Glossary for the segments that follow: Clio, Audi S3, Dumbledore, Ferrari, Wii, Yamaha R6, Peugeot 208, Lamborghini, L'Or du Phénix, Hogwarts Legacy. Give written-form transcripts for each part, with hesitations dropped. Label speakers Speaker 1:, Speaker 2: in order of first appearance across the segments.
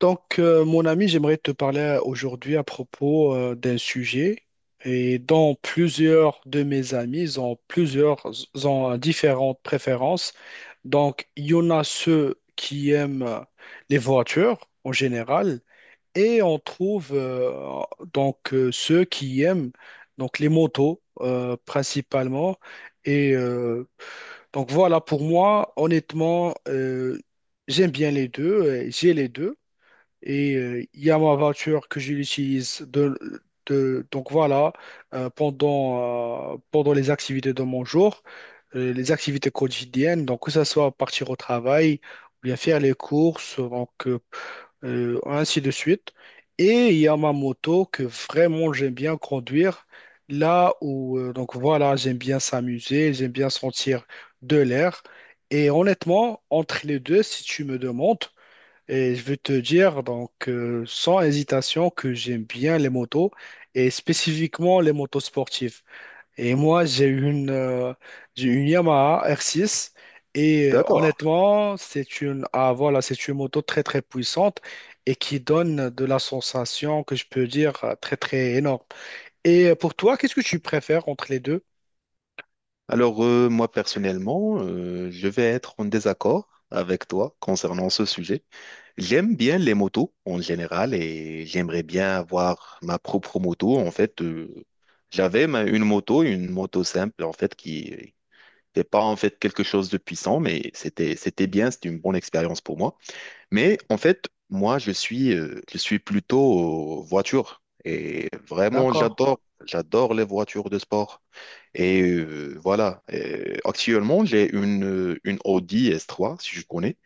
Speaker 1: Donc, mon ami, j'aimerais te parler aujourd'hui à propos d'un sujet et dont plusieurs de mes amis ils ont différentes préférences. Donc, il y en a ceux qui aiment les voitures en général, et on trouve ceux qui aiment donc les motos principalement. Et donc voilà, pour moi, honnêtement, j'aime bien les deux, et j'ai les deux. Et il y a ma voiture que j'utilise donc voilà pendant les activités de mon jour, les activités quotidiennes, donc que ce soit partir au travail ou bien faire les courses, donc ainsi de suite. Et il y a ma moto que vraiment j'aime bien conduire. Là où, donc voilà, j'aime bien s'amuser, j'aime bien sentir de l'air. Et honnêtement, entre les deux, si tu me demandes, et je veux te dire, donc, sans hésitation, que j'aime bien les motos et spécifiquement les motos sportives. Et moi, j'ai une Yamaha R6, et
Speaker 2: D'accord.
Speaker 1: honnêtement, c'est une moto très, très puissante et qui donne de la sensation que je peux dire très, très énorme. Et pour toi, qu'est-ce que tu préfères entre les deux?
Speaker 2: Alors, moi, personnellement, je vais être en désaccord avec toi concernant ce sujet. J'aime bien les motos en général et j'aimerais bien avoir ma propre moto. En fait, j'avais une moto simple, en fait, qui n'était pas en fait quelque chose de puissant, mais c'était bien, c'était une bonne expérience pour moi. Mais en fait, moi, je suis plutôt voiture. Et vraiment,
Speaker 1: D'accord.
Speaker 2: j'adore les voitures de sport. Et voilà. Actuellement, j'ai une Audi S3, si je connais.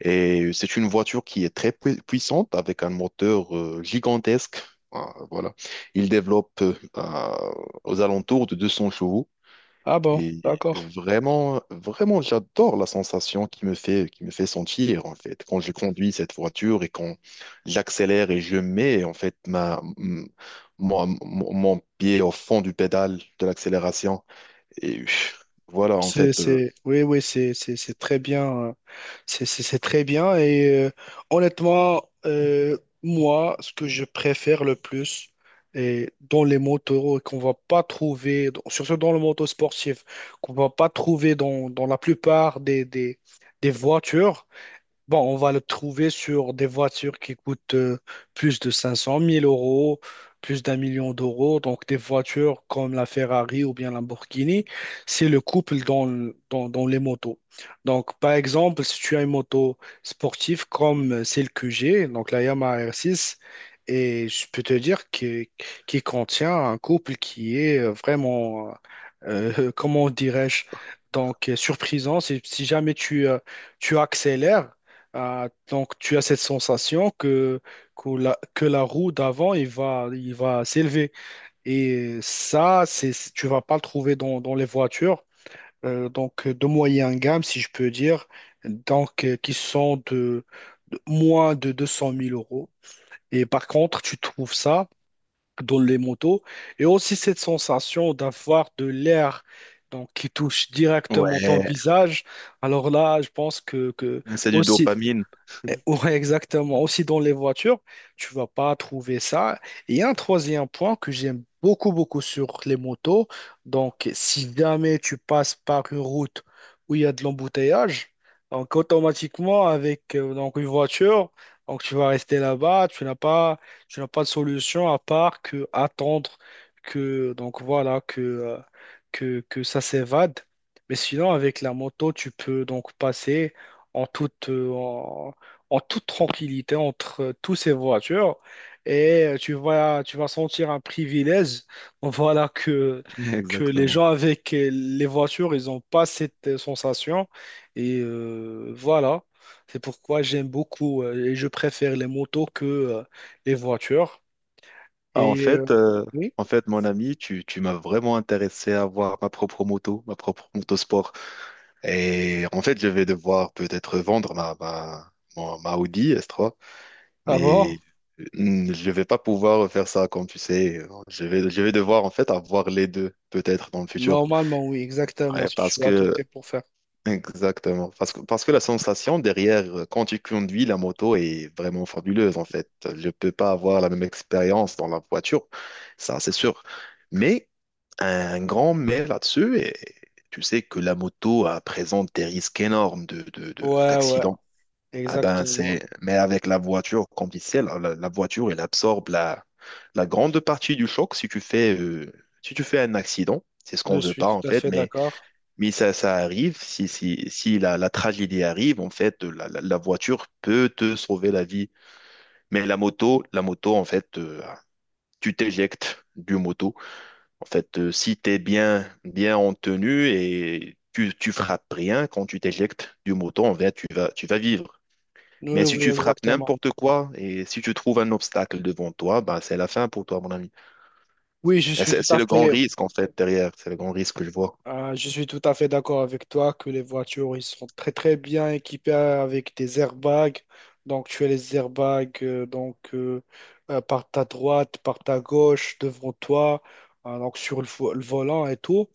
Speaker 2: Et c'est une voiture qui est très puissante avec un moteur gigantesque. Ah, voilà. Il développe aux alentours de 200 chevaux.
Speaker 1: Ah bon,
Speaker 2: Et
Speaker 1: d'accord.
Speaker 2: vraiment, vraiment, j'adore la sensation qui me fait sentir, en fait, quand je conduis cette voiture et quand j'accélère et je mets, en fait, ma, m- mon- mon pied au fond du pédale de l'accélération. Et pff, voilà, en fait,
Speaker 1: Oui, oui, c'est très bien. C'est, c'est très bien. Et honnêtement, moi, ce que je préfère le plus et dans les motos et qu'on va pas trouver, surtout dans le moto sportif, qu'on va pas trouver dans la plupart des voitures, bon, on va le trouver sur des voitures qui coûtent plus de 500 mille euros, plus d'un million d'euros. Donc, des voitures comme la Ferrari ou bien Lamborghini, c'est le couple dans les motos. Donc, par exemple, si tu as une moto sportive comme celle que j'ai, donc la Yamaha R6, et je peux te dire qu'il contient un couple qui est vraiment, comment dirais-je, donc surprisant. Si jamais tu accélères, ah, donc tu as cette sensation que la roue d'avant il va s'élever, et ça c'est tu vas pas le trouver dans les voitures donc de moyenne gamme, si je peux dire, donc qui sont de moins de 200 000 euros, et par contre tu trouves ça dans les motos, et aussi cette sensation d'avoir de l'air donc qui touche directement ton
Speaker 2: ouais,
Speaker 1: visage. Alors là, je pense que
Speaker 2: c'est du
Speaker 1: aussi,
Speaker 2: dopamine.
Speaker 1: ouais, exactement. Aussi dans les voitures, tu vas pas trouver ça. Et un troisième point que j'aime beaucoup, beaucoup sur les motos. Donc, si jamais tu passes par une route où il y a de l'embouteillage, donc automatiquement avec donc une voiture, donc tu vas rester là-bas. Tu n'as pas de solution à part que attendre que donc voilà que ça s'évade. Mais sinon, avec la moto, tu peux donc passer en toute, en toute tranquillité entre tous ces voitures, et tu vas sentir un privilège. Voilà que les
Speaker 2: Exactement.
Speaker 1: gens avec les voitures, ils n'ont pas cette sensation. Et voilà, c'est pourquoi j'aime beaucoup et je préfère les motos que les voitures.
Speaker 2: Ah, en
Speaker 1: Et
Speaker 2: fait,
Speaker 1: oui,
Speaker 2: mon ami, tu m'as vraiment intéressé à voir ma propre moto, ma propre moto. Et en fait, je vais devoir peut-être vendre ma Audi S3,
Speaker 1: ah bon?
Speaker 2: mais je vais pas pouvoir faire ça comme tu sais. Je vais devoir en fait avoir les deux peut-être dans le futur.
Speaker 1: Normalement, oui, exactement,
Speaker 2: Ouais,
Speaker 1: si
Speaker 2: parce
Speaker 1: tu as tout
Speaker 2: que
Speaker 1: pour faire.
Speaker 2: exactement. Parce que la sensation derrière, quand tu conduis la moto est vraiment fabuleuse, en fait. Je peux pas avoir la même expérience dans la voiture, ça c'est sûr. Mais un grand mais là-dessus, et tu sais que la moto présente des risques énormes
Speaker 1: Ouais, ouais,
Speaker 2: d'accidents. Ah ben,
Speaker 1: exactement.
Speaker 2: mais avec la voiture, comme tu sais, la voiture, elle absorbe la grande partie du choc si tu fais un accident. C'est ce qu'on
Speaker 1: Je
Speaker 2: veut
Speaker 1: suis
Speaker 2: pas, en
Speaker 1: tout à
Speaker 2: fait,
Speaker 1: fait d'accord.
Speaker 2: mais ça arrive, si la tragédie arrive, en fait, la voiture peut te sauver la vie. Mais la moto, en fait, tu t'éjectes du moto. En fait, si tu es bien, bien en tenue et tu frappes rien quand tu t'éjectes du moto, en fait, tu vas vivre.
Speaker 1: Oui,
Speaker 2: Mais si
Speaker 1: oui,
Speaker 2: tu frappes
Speaker 1: exactement.
Speaker 2: n'importe quoi et si tu trouves un obstacle devant toi, bah, c'est la fin pour toi, mon ami.
Speaker 1: Oui,
Speaker 2: Et C'est c'est le grand risque, en fait, derrière. C'est le grand risque que je vois.
Speaker 1: je suis tout à fait d'accord avec toi que les voitures, ils sont très très bien équipées avec des airbags. Donc tu as les airbags par ta droite, par ta gauche, devant toi, donc sur le volant et tout.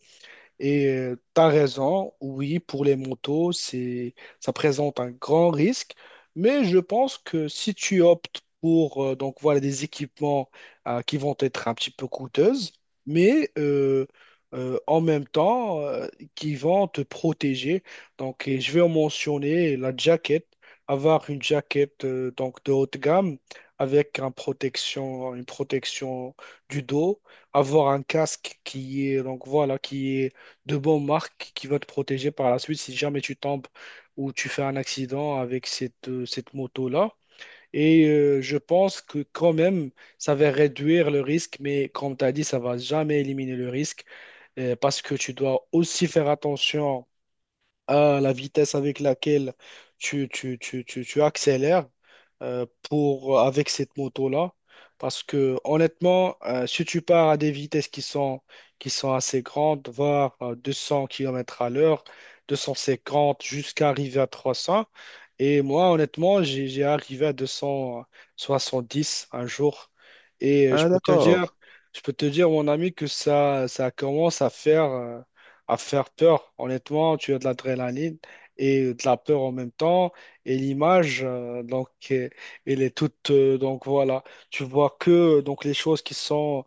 Speaker 1: Et t'as raison, oui, pour les motos, ça présente un grand risque, mais je pense que si tu optes pour donc voilà des équipements qui vont être un petit peu coûteuses, mais en même temps qui vont te protéger. Donc, et je vais en mentionner la jaquette, avoir une jaquette donc de haute gamme avec une protection du dos, avoir un casque qui est donc voilà qui est de bonnes marques qui vont te protéger par la suite si jamais tu tombes ou tu fais un accident avec cette moto-là. Et je pense que quand même, ça va réduire le risque, mais comme tu as dit, ça va jamais éliminer le risque, parce que tu dois aussi faire attention à la vitesse avec laquelle tu accélères, avec cette moto-là. Parce que honnêtement, si tu pars à des vitesses qui sont assez grandes, voire 200 km à l'heure, 250 jusqu'à arriver à 300, et moi honnêtement, j'ai arrivé à 270 un jour. Et je
Speaker 2: Ah,
Speaker 1: peux te
Speaker 2: d'accord,
Speaker 1: dire, je peux te dire, mon ami, que ça commence à faire peur. Honnêtement, tu as de l'adrénaline et de la peur en même temps. Et l'image, elle est toute. Donc voilà, tu vois que donc les choses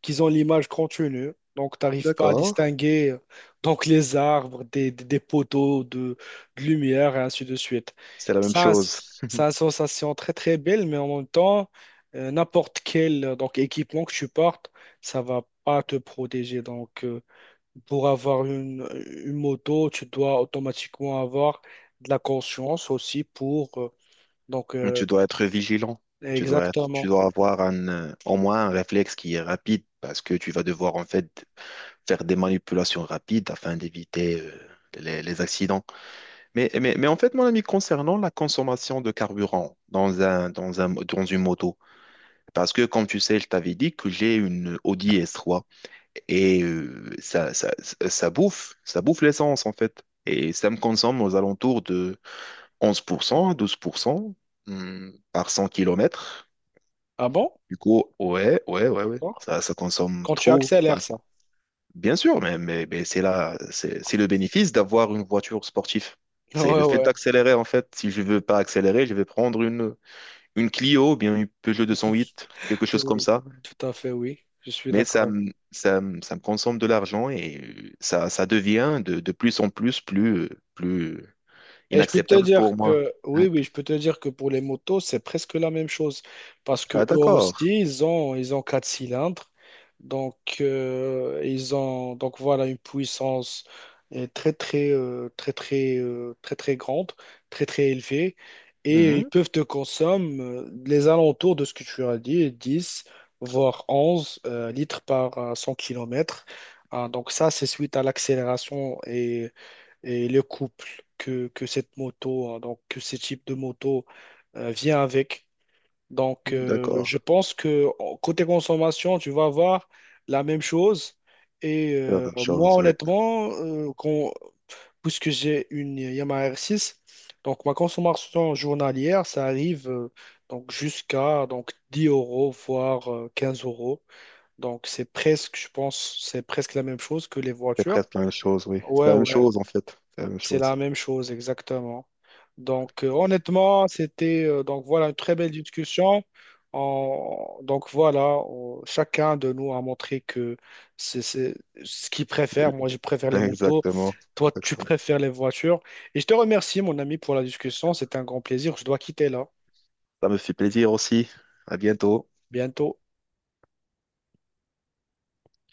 Speaker 1: qui ont l'image continue. Donc, tu n'arrives pas à
Speaker 2: d'accord.
Speaker 1: distinguer donc les arbres des poteaux de lumière et ainsi de suite.
Speaker 2: C'est la même
Speaker 1: Ça, c'est
Speaker 2: chose.
Speaker 1: c'est une sensation très très belle, mais en même temps, n'importe quel donc équipement que tu portes, ça va pas te protéger. Donc, pour avoir une moto, tu dois automatiquement avoir de la conscience aussi donc,
Speaker 2: Mais tu dois être vigilant. Et tu
Speaker 1: exactement.
Speaker 2: dois avoir au moins un réflexe qui est rapide parce que tu vas devoir, en fait, faire des manipulations rapides afin d'éviter, les accidents. Mais en fait, mon ami, concernant la consommation de carburant dans une moto, parce que comme tu sais, je t'avais dit que j'ai une Audi S3 et ça bouffe l'essence en fait. Et ça me consomme aux alentours de 11% à 12% par 100 km.
Speaker 1: Ah bon?
Speaker 2: Du coup, ouais, ouais, ouais, ouais,
Speaker 1: D'accord.
Speaker 2: ça consomme
Speaker 1: Quand tu
Speaker 2: trop. Bah,
Speaker 1: accélères ça.
Speaker 2: bien sûr, mais c'est là, c'est le bénéfice d'avoir une voiture sportive.
Speaker 1: Ouais,
Speaker 2: C'est le fait
Speaker 1: ouais.
Speaker 2: d'accélérer, en fait. Si je veux pas accélérer, je vais prendre une Clio, ou bien une Peugeot 208, quelque chose comme
Speaker 1: Oui,
Speaker 2: ça.
Speaker 1: tout à fait, oui. Je suis
Speaker 2: Mais
Speaker 1: d'accord.
Speaker 2: ça me consomme de l'argent et ça devient de plus en plus, plus
Speaker 1: Et je peux te
Speaker 2: inacceptable pour
Speaker 1: dire
Speaker 2: moi.
Speaker 1: que,
Speaker 2: Ouais.
Speaker 1: oui, oui, je peux te dire que pour les motos, c'est presque la même chose. Parce que
Speaker 2: Ah,
Speaker 1: eux aussi,
Speaker 2: d'accord.
Speaker 1: ils ont quatre cylindres. Donc, ils ont, donc voilà, une puissance très, très, très, très, très, très grande, très, très élevée. Et ils
Speaker 2: Mhm.
Speaker 1: peuvent te consommer les alentours de ce que tu as dit, 10 voire 11 litres par 100 km. Donc, ça, c'est suite à l'accélération, et le couple que cette moto, hein, donc que ce type de moto vient avec. Donc,
Speaker 2: D'accord.
Speaker 1: je pense que côté consommation, tu vas avoir la même chose. Et
Speaker 2: C'est la même
Speaker 1: moi,
Speaker 2: chose, oui.
Speaker 1: honnêtement, puisque j'ai une Yamaha R6, donc ma consommation journalière, ça arrive donc jusqu'à donc 10 euros, voire 15 euros. Donc, c'est presque, je pense, c'est presque la même chose que les
Speaker 2: C'est
Speaker 1: voitures.
Speaker 2: presque la même chose, oui. C'est
Speaker 1: Ouais,
Speaker 2: la même
Speaker 1: ouais.
Speaker 2: chose, en fait. C'est la même
Speaker 1: C'est
Speaker 2: chose.
Speaker 1: la même chose, exactement. Donc, honnêtement, c'était donc voilà une très belle discussion. Donc voilà, chacun de nous a montré que c'est ce qu'il préfère. Moi, je préfère les motos.
Speaker 2: Exactement.
Speaker 1: Toi, tu
Speaker 2: Exactement.
Speaker 1: préfères les voitures. Et je te remercie, mon ami, pour la discussion. C'était un grand plaisir. Je dois quitter là.
Speaker 2: Ça me fait plaisir aussi. À bientôt.
Speaker 1: Bientôt.